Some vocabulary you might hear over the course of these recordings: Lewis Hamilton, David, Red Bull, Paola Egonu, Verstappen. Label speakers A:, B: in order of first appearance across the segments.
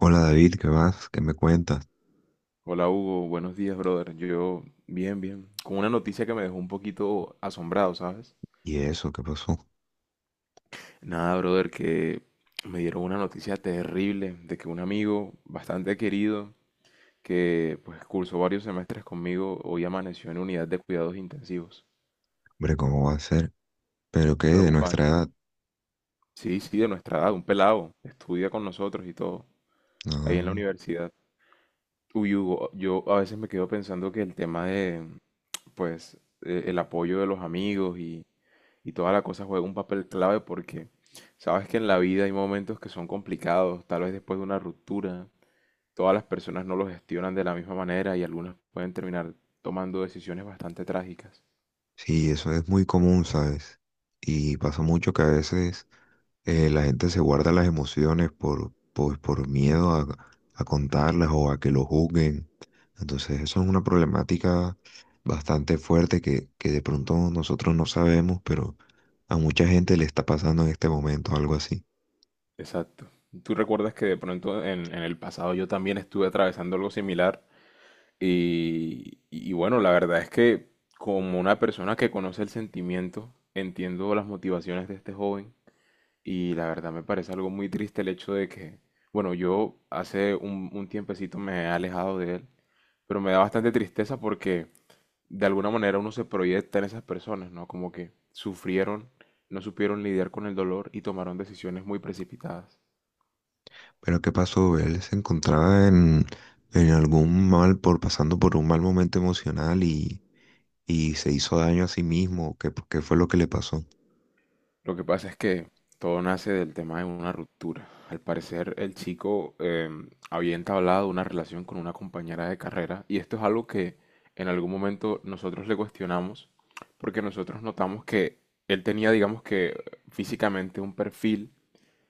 A: Hola David, ¿qué vas? ¿Qué me cuentas?
B: Hola Hugo, buenos días, brother. Yo, bien, bien. Con una noticia que me dejó un poquito asombrado, ¿sabes?
A: ¿Y eso qué pasó?
B: Nada, brother, que me dieron una noticia terrible de que un amigo bastante querido, que pues cursó varios semestres conmigo, hoy amaneció en unidad de cuidados intensivos.
A: Hombre, ¿cómo va a ser? ¿Pero qué? ¿De nuestra
B: Preocupante.
A: edad?
B: Sí, sí, de nuestra edad, un pelado. Estudia con nosotros y todo, ahí en la
A: No.
B: universidad. Uy, Hugo, yo a veces me quedo pensando que el tema de, pues, el apoyo de los amigos y, toda la cosa juega un papel clave porque sabes que en la vida hay momentos que son complicados, tal vez después de una ruptura, todas las personas no lo gestionan de la misma manera y algunas pueden terminar tomando decisiones bastante trágicas.
A: Sí, eso es muy común, ¿sabes? Y pasa mucho que a veces la gente se guarda las emociones pues, por miedo a contarlas o a que lo juzguen. Entonces, eso es una problemática bastante fuerte que de pronto nosotros no sabemos, pero a mucha gente le está pasando en este momento algo así.
B: Exacto. ¿Tú recuerdas que de pronto en el pasado yo también estuve atravesando algo similar? Y bueno, la verdad es que como una persona que conoce el sentimiento, entiendo las motivaciones de este joven y la verdad me parece algo muy triste el hecho de que, bueno, yo hace un tiempecito me he alejado de él, pero me da bastante tristeza porque de alguna manera uno se proyecta en esas personas, ¿no? Como que sufrieron, no supieron lidiar con el dolor y tomaron decisiones muy precipitadas.
A: Pero ¿qué pasó? Él se en algún mal, por pasando por un mal momento emocional y se hizo daño a sí mismo. ¿ qué fue lo que le pasó?
B: Lo que pasa es que todo nace del tema de una ruptura. Al parecer, el chico había entablado una relación con una compañera de carrera y esto es algo que en algún momento nosotros le cuestionamos porque nosotros notamos que él tenía, digamos que físicamente un perfil,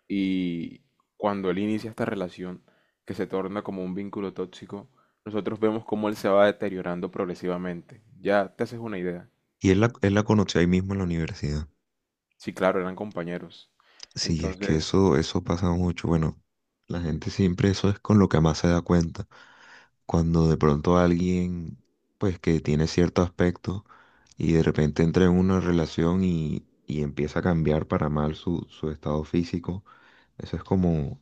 B: y cuando él inicia esta relación que se torna como un vínculo tóxico, nosotros vemos cómo él se va deteriorando progresivamente. Ya te haces una idea.
A: Y él la conoció ahí mismo en la universidad.
B: Sí, claro, eran compañeros.
A: Sí, es que
B: Entonces,
A: eso pasa mucho. Bueno, la gente siempre eso es con lo que más se da cuenta. Cuando de pronto alguien, pues que tiene cierto aspecto y de repente entra en una relación y empieza a cambiar para mal su estado físico, eso es como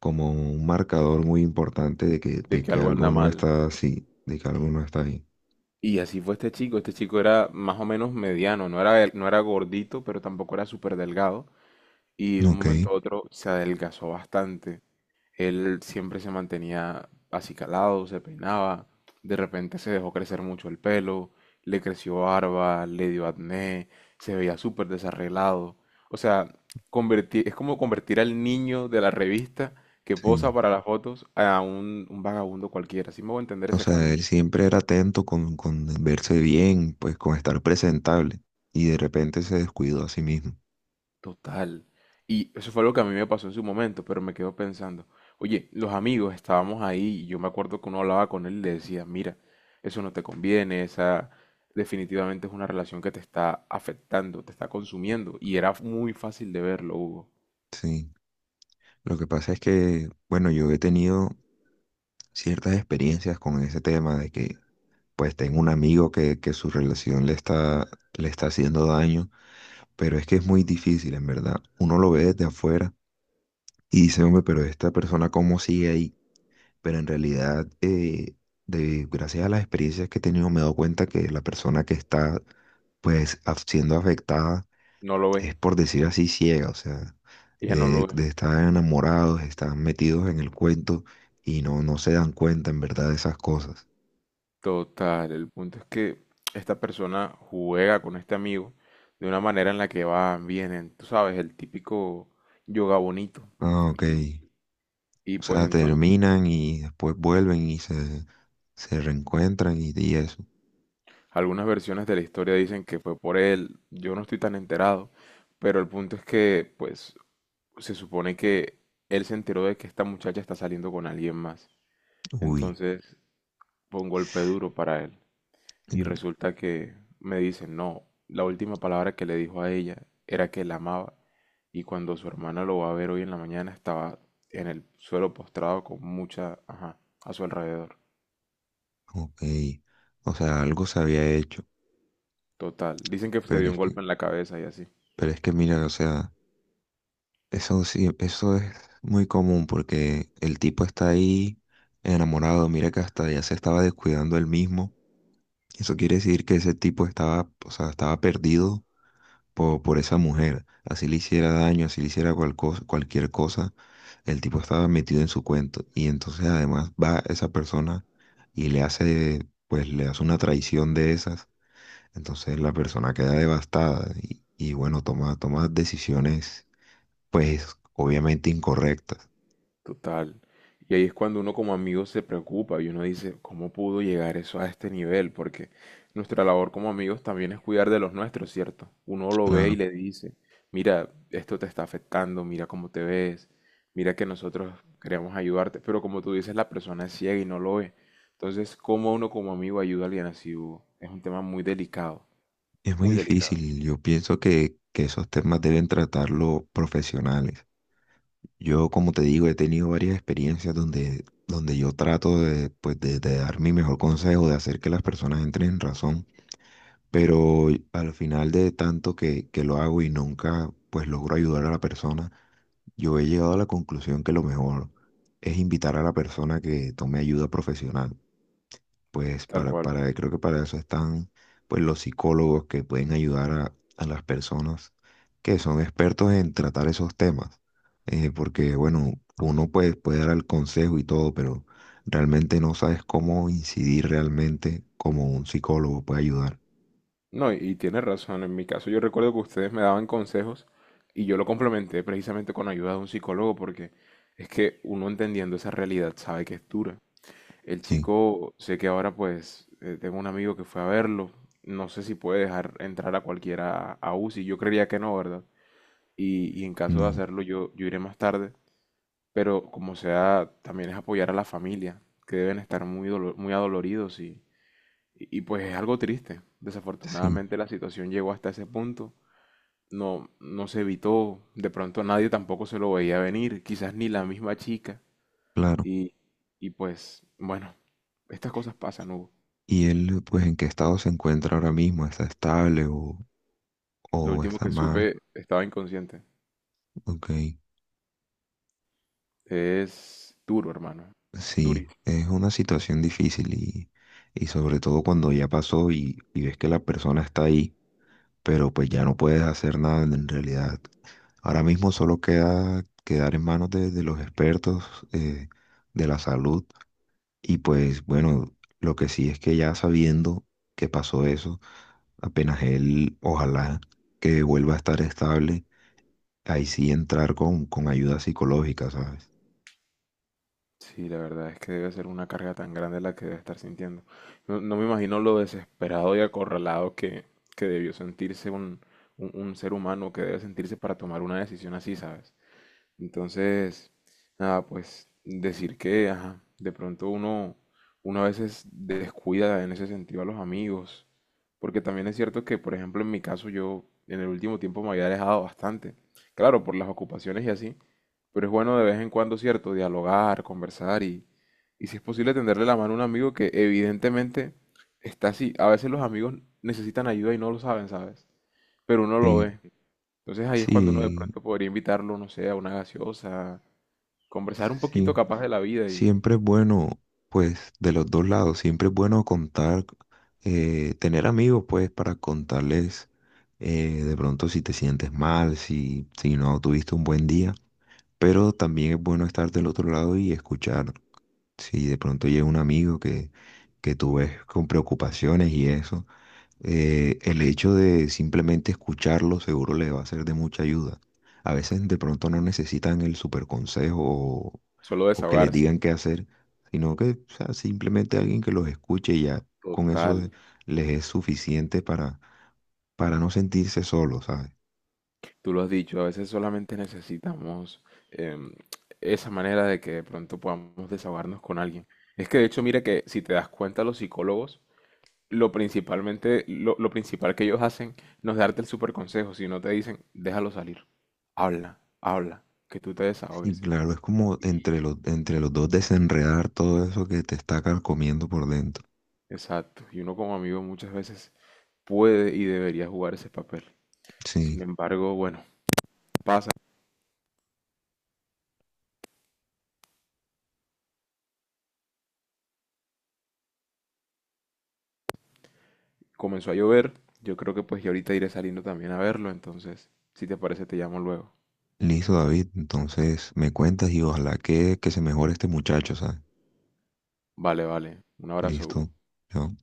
A: un marcador muy importante
B: de
A: de
B: que
A: que
B: algo anda
A: algo no
B: mal.
A: está así, de que algo no está bien.
B: Y así fue este chico. Este chico era más o menos mediano, no era gordito, pero tampoco era súper delgado. Y de un
A: Ok,
B: momento a otro se adelgazó bastante. Él siempre se mantenía acicalado, se peinaba. De repente se dejó crecer mucho el pelo, le creció barba, le dio acné, se veía súper desarreglado. O sea, es como convertir al niño de la revista que posa
A: sí.
B: para las fotos a un vagabundo cualquiera. Así me voy a entender
A: O
B: ese
A: sea,
B: cambio.
A: él siempre era atento con verse bien, pues con estar presentable. Y de repente se descuidó a sí mismo.
B: Total. Y eso fue lo que a mí me pasó en su momento, pero me quedo pensando, oye, los amigos estábamos ahí y yo me acuerdo que uno hablaba con él y le decía, mira, eso no te conviene, esa definitivamente es una relación que te está afectando, te está consumiendo. Y era muy fácil de verlo, Hugo.
A: Sí. Lo que pasa es que, bueno, yo he tenido ciertas experiencias con ese tema de que, pues, tengo un amigo que su relación le está haciendo daño, pero es que es muy difícil, en verdad. Uno lo ve desde afuera y dice, hombre, pero esta persona, ¿cómo sigue ahí? Pero en realidad, gracias a las experiencias que he tenido, me he dado cuenta que la persona que está siendo afectada
B: No lo
A: es
B: ve,
A: por decir así ciega, o sea,
B: ella no lo ve.
A: de estar enamorados, están metidos en el cuento y no se dan cuenta en verdad de esas cosas.
B: Total, el punto es que esta persona juega con este amigo de una manera en la que van, vienen, tú sabes, el típico yoga bonito.
A: Ah, ok.
B: Y, y
A: O
B: pues
A: sea,
B: entonces...
A: terminan y después vuelven se reencuentran y eso.
B: Algunas versiones de la historia dicen que fue por él, yo no estoy tan enterado, pero el punto es que, pues, se supone que él se enteró de que esta muchacha está saliendo con alguien más.
A: Uy,
B: Entonces fue un golpe duro para él. Y
A: mm,
B: resulta que me dicen, no, la última palabra que le dijo a ella era que la amaba. Y cuando su hermana lo va a ver hoy en la mañana, estaba en el suelo postrado con mucha, ajá, a su alrededor.
A: ok. O sea, algo se había hecho,
B: Total. Dicen que se
A: pero
B: dio un
A: es que,
B: golpe en la cabeza y así.
A: pero es que mira, o sea, eso sí, eso es muy común porque el tipo está ahí enamorado, mira que hasta ya se estaba descuidando él mismo. Eso quiere decir que ese tipo estaba, o sea, estaba perdido por esa mujer. Así le hiciera daño, así le hiciera cualquier cosa, el tipo estaba metido en su cuento. Y entonces además va esa persona y le hace, pues le hace una traición de esas. Entonces la persona queda devastada y bueno, toma decisiones pues obviamente incorrectas.
B: Total. Y ahí es cuando uno como amigo se preocupa y uno dice, ¿cómo pudo llegar eso a este nivel? Porque nuestra labor como amigos también es cuidar de los nuestros, ¿cierto? Uno lo ve y
A: Claro,
B: le dice, mira, esto te está afectando, mira cómo te ves, mira que nosotros queremos ayudarte, pero como tú dices, la persona es ciega y no lo ve. Entonces, ¿cómo uno como amigo ayuda a alguien así, Hugo? Es un tema
A: es muy
B: muy delicado,
A: difícil. Yo pienso que esos temas deben tratarlo profesionales. Yo, como te digo, he tenido varias experiencias donde yo trato de, pues, de dar mi mejor consejo, de hacer que las personas entren en razón, pero al final de tanto que lo hago y nunca pues logro ayudar a la persona, yo he llegado a la conclusión que lo mejor es invitar a la persona que tome ayuda profesional. Pues
B: tal cual.
A: para, creo que para eso están pues los psicólogos que pueden ayudar a las personas que son expertos en tratar esos temas. Porque bueno, uno pues, puede dar el consejo y todo, pero realmente no sabes cómo incidir realmente como un psicólogo puede ayudar.
B: No, y tienes razón. En mi caso, yo recuerdo que ustedes me daban consejos y yo lo complementé precisamente con ayuda de un psicólogo porque es que uno entendiendo esa realidad sabe que es dura. El
A: Sí,
B: chico, sé que ahora pues tengo un amigo que fue a verlo. No sé si puede dejar entrar a cualquiera a UCI. Yo creería que no, ¿verdad? Y en caso de
A: no,
B: hacerlo, yo iré más tarde. Pero como sea, también es apoyar a la familia, que deben estar muy, muy adoloridos y, pues es algo triste.
A: sí,
B: Desafortunadamente la situación llegó hasta ese punto. No, no se evitó. De pronto nadie tampoco se lo veía venir. Quizás ni la misma chica.
A: claro.
B: Y, y pues, bueno, estas cosas pasan, Hugo.
A: ¿Y él pues en qué estado se encuentra ahora mismo? ¿Está estable
B: Lo
A: o
B: último
A: está
B: que
A: mal?
B: supe estaba inconsciente.
A: Ok.
B: Es duro, hermano.
A: Sí, es una situación difícil y sobre todo cuando ya pasó y ves que la persona está ahí, pero pues ya no puedes hacer nada en realidad. Ahora mismo solo queda quedar en manos de los expertos eh, de la salud y pues bueno, lo que sí es que ya sabiendo que pasó eso, apenas él, ojalá que vuelva a estar estable, ahí sí entrar con ayuda psicológica, ¿sabes?
B: Sí, la verdad es que debe ser una carga tan grande la que debe estar sintiendo. No, no me imagino lo desesperado y acorralado que debió sentirse un ser humano que debe sentirse para tomar una decisión así, ¿sabes? Entonces, nada, pues decir que, ajá, de pronto uno a veces descuida en ese sentido a los amigos, porque también es cierto que, por ejemplo, en mi caso yo en el último tiempo me había alejado bastante, claro, por las ocupaciones y así, pero es bueno de vez en cuando, cierto, dialogar, conversar y si es posible tenderle la mano a un amigo que evidentemente está así. A veces los amigos necesitan ayuda y no lo saben, ¿sabes? Pero uno lo
A: Sí,
B: ve. Entonces ahí es cuando uno de
A: sí,
B: pronto podría invitarlo, no sé, a una gaseosa, conversar un poquito
A: sí.
B: capaz de la vida y
A: Siempre es bueno, pues, de los dos lados, siempre es bueno contar, tener amigos, pues, para contarles de pronto si te sientes mal, si no tuviste un buen día, pero también es bueno estar del otro lado y escuchar si de pronto llega un amigo que tú ves con preocupaciones y eso el hecho de simplemente escucharlo seguro le va a ser de mucha ayuda. A veces de pronto no necesitan el super consejo
B: solo
A: o que les
B: desahogarse.
A: digan qué hacer, sino que o sea, simplemente alguien que los escuche y ya con eso
B: Total,
A: de- les es suficiente para no sentirse solos, ¿sabes?
B: tú lo has dicho, a veces solamente necesitamos em, esa manera de que de pronto podamos desahogarnos con alguien. Es que de hecho, mira que si te das cuenta, los psicólogos, lo principal que ellos hacen no es darte el super consejo, sino te dicen, déjalo salir, habla, habla, que tú te
A: Y
B: desahogues.
A: claro, es como
B: Y-
A: entre entre los dos desenredar todo eso que te está carcomiendo por dentro.
B: Exacto, y uno como amigo muchas veces puede y debería jugar ese papel. Sin
A: Sí,
B: embargo, bueno, pasa. Comenzó a llover. Yo creo que pues ahorita iré saliendo también a verlo. Entonces, si te parece, te llamo luego.
A: listo, David. Entonces me cuentas y ojalá que se mejore este muchacho, ¿sabes?
B: Vale, vale. Un abrazo,
A: Listo.
B: Hugo.
A: Chao.